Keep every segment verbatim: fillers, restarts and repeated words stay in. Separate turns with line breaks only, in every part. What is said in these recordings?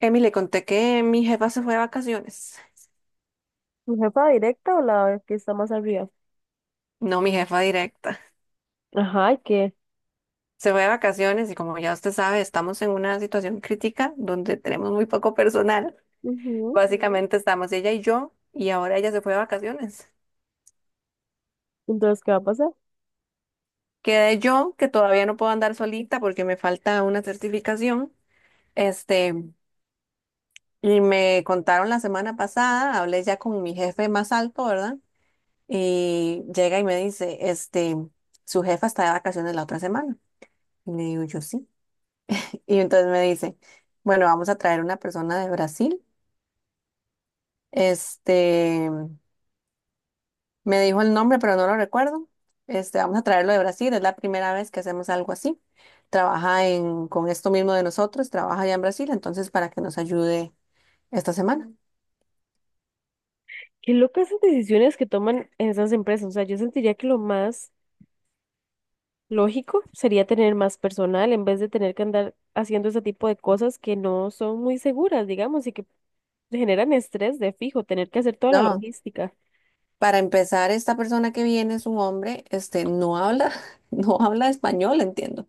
Emi, le conté que mi jefa se fue de vacaciones.
¿Mi jefa directa o la que está más arriba?
No, mi jefa directa.
Ajá, ¿y ¿qué?
Se fue de vacaciones y, como ya usted sabe, estamos en una situación crítica donde tenemos muy poco personal.
Ujú.
Básicamente estamos ella y yo, y ahora ella se fue de vacaciones.
Entonces, ¿qué va a pasar?
Quedé yo, que todavía no puedo andar solita porque me falta una certificación. Este, y me contaron la semana pasada, hablé ya con mi jefe más alto, ¿verdad? Y llega y me dice, este, su jefa está de vacaciones la otra semana. Y le digo yo sí. Y entonces me dice, bueno, vamos a traer una persona de Brasil. Este, Me dijo el nombre, pero no lo recuerdo. Este, vamos a traerlo de Brasil. Es la primera vez que hacemos algo así. Trabaja en, con esto mismo de nosotros, trabaja allá en Brasil, entonces para que nos ayude esta semana.
Qué locas esas decisiones que toman esas empresas. O sea, yo sentiría que lo más lógico sería tener más personal en vez de tener que andar haciendo ese tipo de cosas que no son muy seguras, digamos, y que generan estrés de fijo, tener que hacer toda la
No,
logística.
para empezar, esta persona que viene es un hombre, este, no habla, no habla español, entiendo.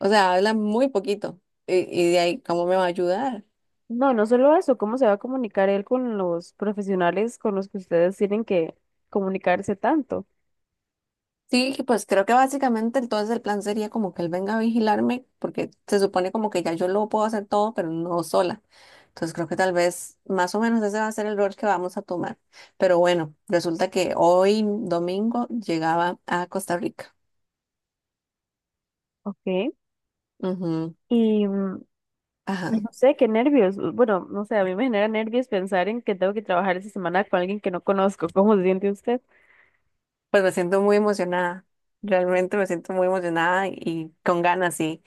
O sea, habla muy poquito. Y, y de ahí, ¿cómo me va a ayudar?
No, no solo eso, ¿cómo se va a comunicar él con los profesionales con los que ustedes tienen que comunicarse tanto?
Sí, pues creo que básicamente entonces el plan sería como que él venga a vigilarme, porque se supone como que ya yo lo puedo hacer todo, pero no sola. Entonces creo que tal vez más o menos ese va a ser el rol que vamos a tomar. Pero bueno, resulta que hoy domingo llegaba a Costa Rica.
¿Ok?
Ujú.
Y, mm,
Ajá.
Ay, no sé, qué nervios. Bueno, no sé, a mí me genera nervios pensar en que tengo que trabajar esa semana con alguien que no conozco. ¿Cómo se siente usted?
Pues me siento muy emocionada. Realmente me siento muy emocionada y con ganas, sí.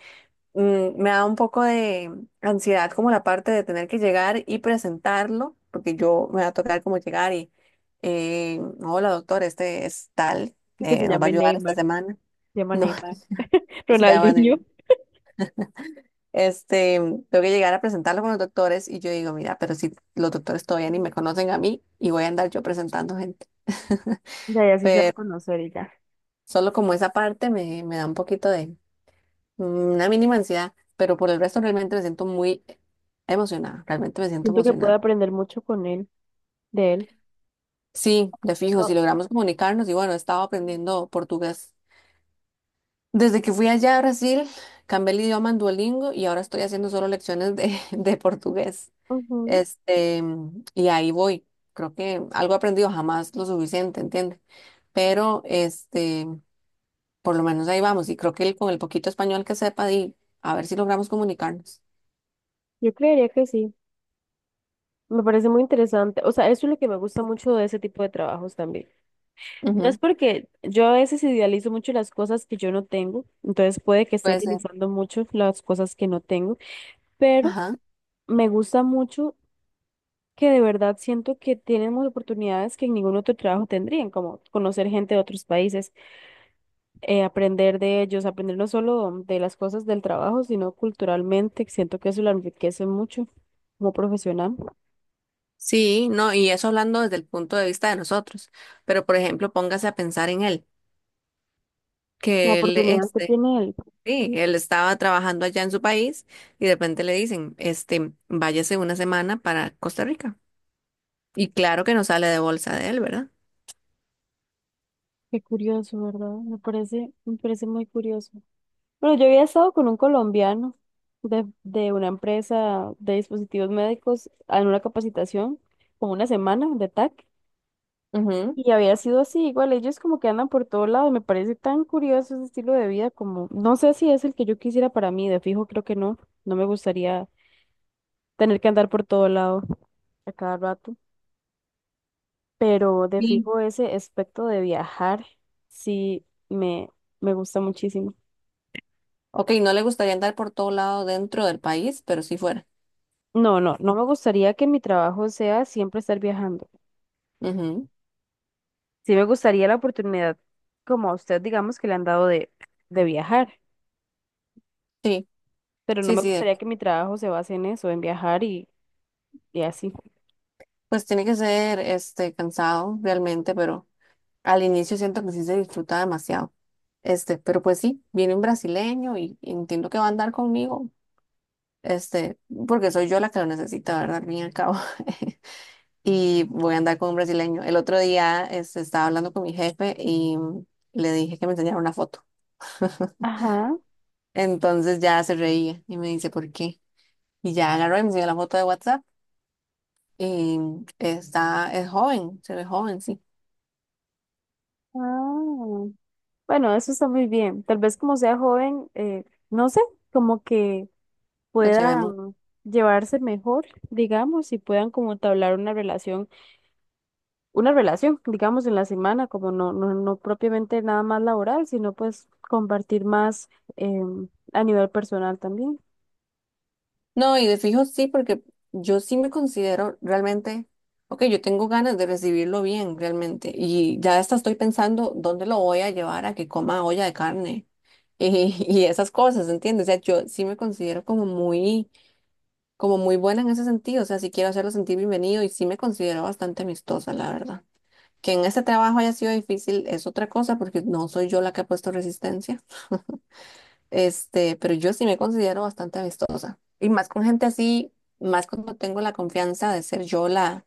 mm, Me da un poco de ansiedad, como la parte de tener que llegar y presentarlo, porque yo me va a tocar como llegar y, eh, hola doctor, este es tal,
Y que
eh,
se
nos va a
llame
ayudar esta
Neymar.
semana.
Se llama
No,
Neymar.
no se llaman.
Ronaldinho.
en- Este, Tengo que llegar a presentarlo con los doctores y yo digo, mira, pero si los doctores todavía ni me conocen a mí y voy a andar yo presentando gente.
Ya, ya sí se va a conocer y ya.
Solo como esa parte me, me da un poquito de mm, una mínima ansiedad, pero por el resto realmente me siento muy emocionada, realmente me siento
Siento que puedo
emocionada.
aprender mucho con él, de él.
Sí, de fijo, si
No,
logramos comunicarnos y, bueno, he estado aprendiendo portugués. Desde que fui allá a Brasil, cambié el idioma en Duolingo y ahora estoy haciendo solo lecciones de, de portugués.
ujú.
Este, y ahí voy. Creo que algo he aprendido, jamás lo suficiente, ¿entiendes? Pero este, por lo menos ahí vamos, y creo que el- con el poquito español que sepa, y a ver si logramos comunicarnos.
Yo creería que sí. Me parece muy interesante. O sea, eso es lo que me gusta mucho de ese tipo de trabajos también. No es
Ujú.
porque yo a veces idealizo mucho las cosas que yo no tengo, entonces puede que esté
Puede ser.
idealizando mucho las cosas que no tengo, pero
Ajá.
me gusta mucho que de verdad siento que tenemos oportunidades que en ningún otro trabajo tendrían, como conocer gente de otros países, eh, aprender de ellos, aprender no solo de las cosas del trabajo, sino culturalmente, que siento que eso lo enriquece mucho como profesional.
Sí, no, y eso hablando desde el punto de vista de nosotros. Pero por ejemplo, póngase a pensar en él.
La
que él,
oportunidad que
este,
tiene él.
sí, él estaba trabajando allá en su país y de repente le dicen, este, váyase una semana para Costa Rica. Y claro que no sale de bolsa de él, ¿verdad?
Qué curioso, ¿verdad? Me parece, me parece muy curioso. Bueno, yo había estado con un colombiano de, de una empresa de dispositivos médicos en una capacitación, como una semana de T A C,
Ujú.
y había sido así, igual ellos como que andan por todo lado, me parece tan curioso ese estilo de vida, como no sé si es el que yo quisiera para mí, de fijo creo que no, no me gustaría tener que andar por todo lado a cada rato, pero de
Sí.
fijo ese aspecto de viajar sí me, me gusta muchísimo.
Ok, no le gustaría andar por todo lado dentro del país, pero sí fuera.
No, no, no me gustaría que mi trabajo sea siempre estar viajando.
Ujú.
Sí me gustaría la oportunidad, como a usted, digamos, que le han dado de, de viajar,
Sí,
pero no
sí,
me
sí, de-
gustaría que mi trabajo se base en eso, en viajar y, y así.
pues tiene que ser, este, cansado realmente, pero al inicio siento que sí se disfruta demasiado. Este, pero pues sí, viene un brasileño y y entiendo que va a andar conmigo. Este, Porque soy yo la que lo necesita, ¿verdad? Al fin y al cabo. Y voy a andar con un brasileño. El otro día, este, estaba hablando con mi jefe y le dije que me enseñara una foto.
Ajá.
Entonces ya se reía y me dice, ¿por qué? Y ya agarró y me enseñó la foto de WhatsApp y está, es joven, se ve joven, sí.
Ah. Bueno, eso está muy bien. Tal vez como sea joven, eh, no sé, como que
Lo llevé.
puedan llevarse mejor, digamos, y puedan como entablar una relación, una relación, digamos, en la semana, como no, no, no propiamente nada más laboral, sino pues compartir más em, a nivel personal también.
No, y de fijo sí, porque yo sí me considero realmente, ok, yo tengo ganas de recibirlo bien realmente, y ya hasta estoy pensando dónde lo voy a llevar a que coma olla de carne y, y esas cosas, ¿entiendes? O sea, yo sí me considero como muy, como muy buena en ese sentido. O sea, sí quiero hacerlo sentir bienvenido y sí me considero bastante amistosa, la verdad. Que en este trabajo haya sido difícil es otra cosa, porque no soy yo la que ha puesto resistencia. Este, pero yo sí me considero bastante amistosa. Y más con gente así, más cuando tengo la confianza de ser yo la,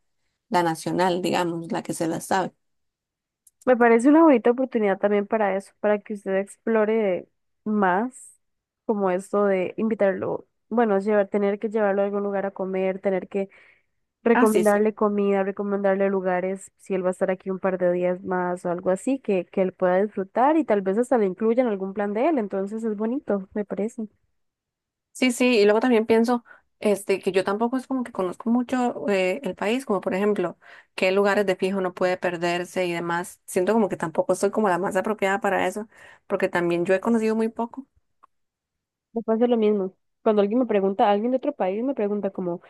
la nacional, digamos, la que se la sabe.
Me parece una bonita oportunidad también para eso, para que usted explore más como esto de invitarlo, bueno, llevar, tener que llevarlo a algún lugar a comer, tener que
Ah, sí, sí.
recomendarle comida, recomendarle lugares, si él va a estar aquí un par de días más o algo así, que, que él pueda disfrutar y tal vez hasta le incluya en algún plan de él, entonces es bonito, me parece.
Sí, sí. Y luego también pienso, este, que yo tampoco es como que conozco mucho, eh, el país, como por ejemplo, qué lugares de fijo no puede perderse y demás. Siento como que tampoco soy como la más apropiada para eso, porque también yo he conocido muy poco.
Me pasa lo mismo. Cuando alguien me pregunta, alguien de otro país me pregunta como,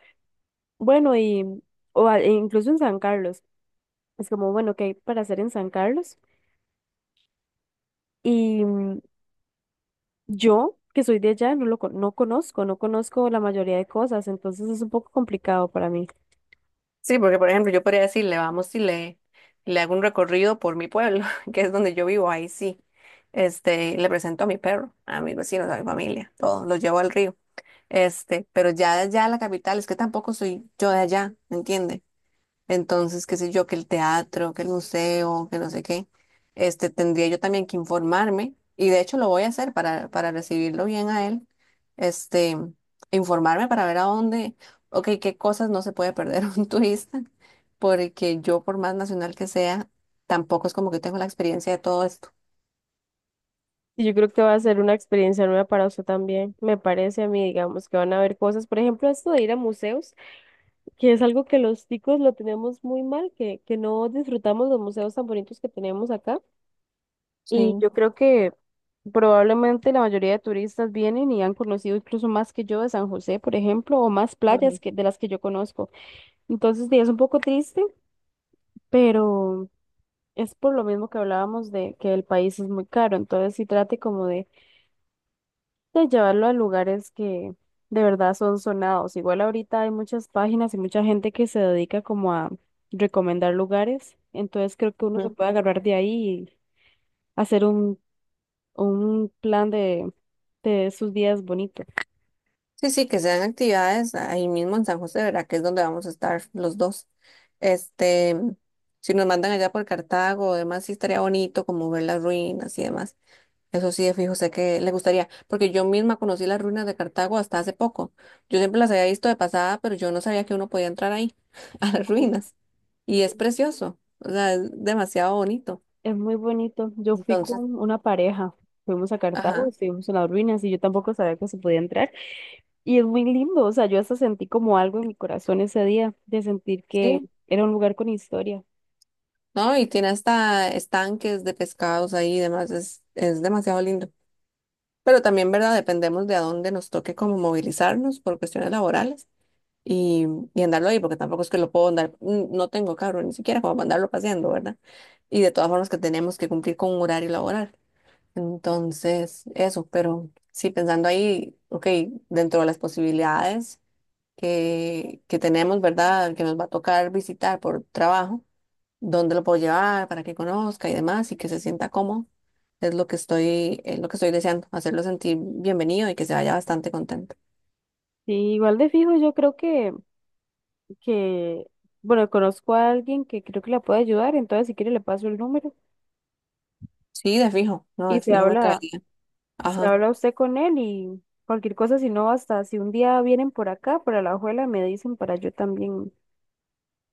bueno, y, o a- e incluso en San Carlos, es como, bueno, ¿qué hay para hacer en San Carlos? Y mm, Yo, que soy de allá, no lo con- no conozco, no conozco la mayoría de cosas, entonces es un poco complicado para mí.
Sí, porque por ejemplo yo podría decirle, vamos y le, le hago un recorrido por mi pueblo, que es donde yo vivo, ahí sí. Este, le presento a mi perro, a mis vecinos, a mi familia, todo, los llevo al río. Este, pero ya de allá a la capital, es que tampoco soy yo de allá, ¿me entiende? Entonces, qué sé yo, que el teatro, que el museo, que no sé qué, este, tendría yo también que informarme, y de hecho lo voy a hacer para, para recibirlo bien a él, este, informarme para ver a dónde, ok, qué cosas no se puede perder un turista, porque yo, por más nacional que sea, tampoco es como que tengo la experiencia de todo esto.
Y yo creo que va a ser una experiencia nueva para usted también. Me parece a mí, digamos, que van a haber cosas, por ejemplo, esto de ir a museos, que es algo que los ticos lo tenemos muy mal, que, que no disfrutamos los museos tan bonitos que tenemos acá. Y
Sí.
yo creo que probablemente la mayoría de turistas vienen y han conocido incluso más que yo de San José, por ejemplo, o más playas que, de las que yo conozco. Entonces, sí, es un poco triste, pero... Es por lo mismo que hablábamos de que el país es muy caro, entonces sí trate como de, de llevarlo a lugares que de verdad son sonados. Igual ahorita hay muchas páginas y mucha gente que se dedica como a recomendar lugares, entonces creo que uno se
Ujú.
puede agarrar de ahí y hacer un, un plan de, de sus días bonitos.
Sí, sí, que sean actividades ahí mismo en San José, ¿verdad? Que es donde vamos a estar los dos. Este, si nos mandan allá por Cartago, además sí estaría bonito como ver las ruinas y demás. Eso sí, de fijo, sé que le gustaría, porque yo misma conocí las ruinas de Cartago hasta hace poco. Yo siempre las había visto de pasada, pero yo no sabía que uno podía entrar ahí, a las ruinas. Y es
Sí.
precioso, o sea, es demasiado bonito.
Es muy bonito. Yo fui
Entonces,
con una pareja, fuimos a Cartago y
ajá,
estuvimos en las ruinas y yo tampoco sabía que se podía entrar. Y es muy lindo, o sea, yo hasta sentí como algo en mi corazón ese día, de sentir que
sí,
era un lugar con historia.
¿no? Y tiene hasta estanques de pescados ahí y demás, es, es demasiado lindo. Pero también, ¿verdad? Dependemos de a dónde nos toque como movilizarnos por cuestiones laborales y, y andarlo ahí, porque tampoco es que lo puedo andar, n- no tengo carro ni siquiera como para andarlo paseando, ¿verdad? Y de todas formas que tenemos que cumplir con un horario laboral. Entonces, eso, pero sí, pensando ahí, ok, dentro de las posibilidades que, que tenemos, ¿verdad? Que nos va a tocar visitar por trabajo dónde lo puedo llevar para que conozca y demás y que se sienta cómodo. Es lo que estoy, es lo que estoy deseando, hacerlo sentir bienvenido y que se vaya bastante contento.
Sí, igual de fijo, yo creo que, que, bueno, conozco a alguien que creo que la puede ayudar, entonces si quiere le paso el número
Sí, de fijo, no,
y
de
se
fijo me
habla,
caería.
se
Ajá,
habla usted con él y cualquier cosa, si no, hasta si un día vienen por acá, por la ajuela, me dicen para yo también,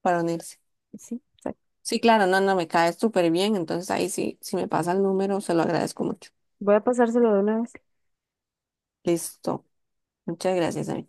para unirse.
sí, exacto.
Sí, claro, no, no, me cae súper bien. Entonces ahí sí, si me pasa el número, se lo agradezco mucho.
Voy a pasárselo de una vez.
Listo. Muchas gracias, amiga.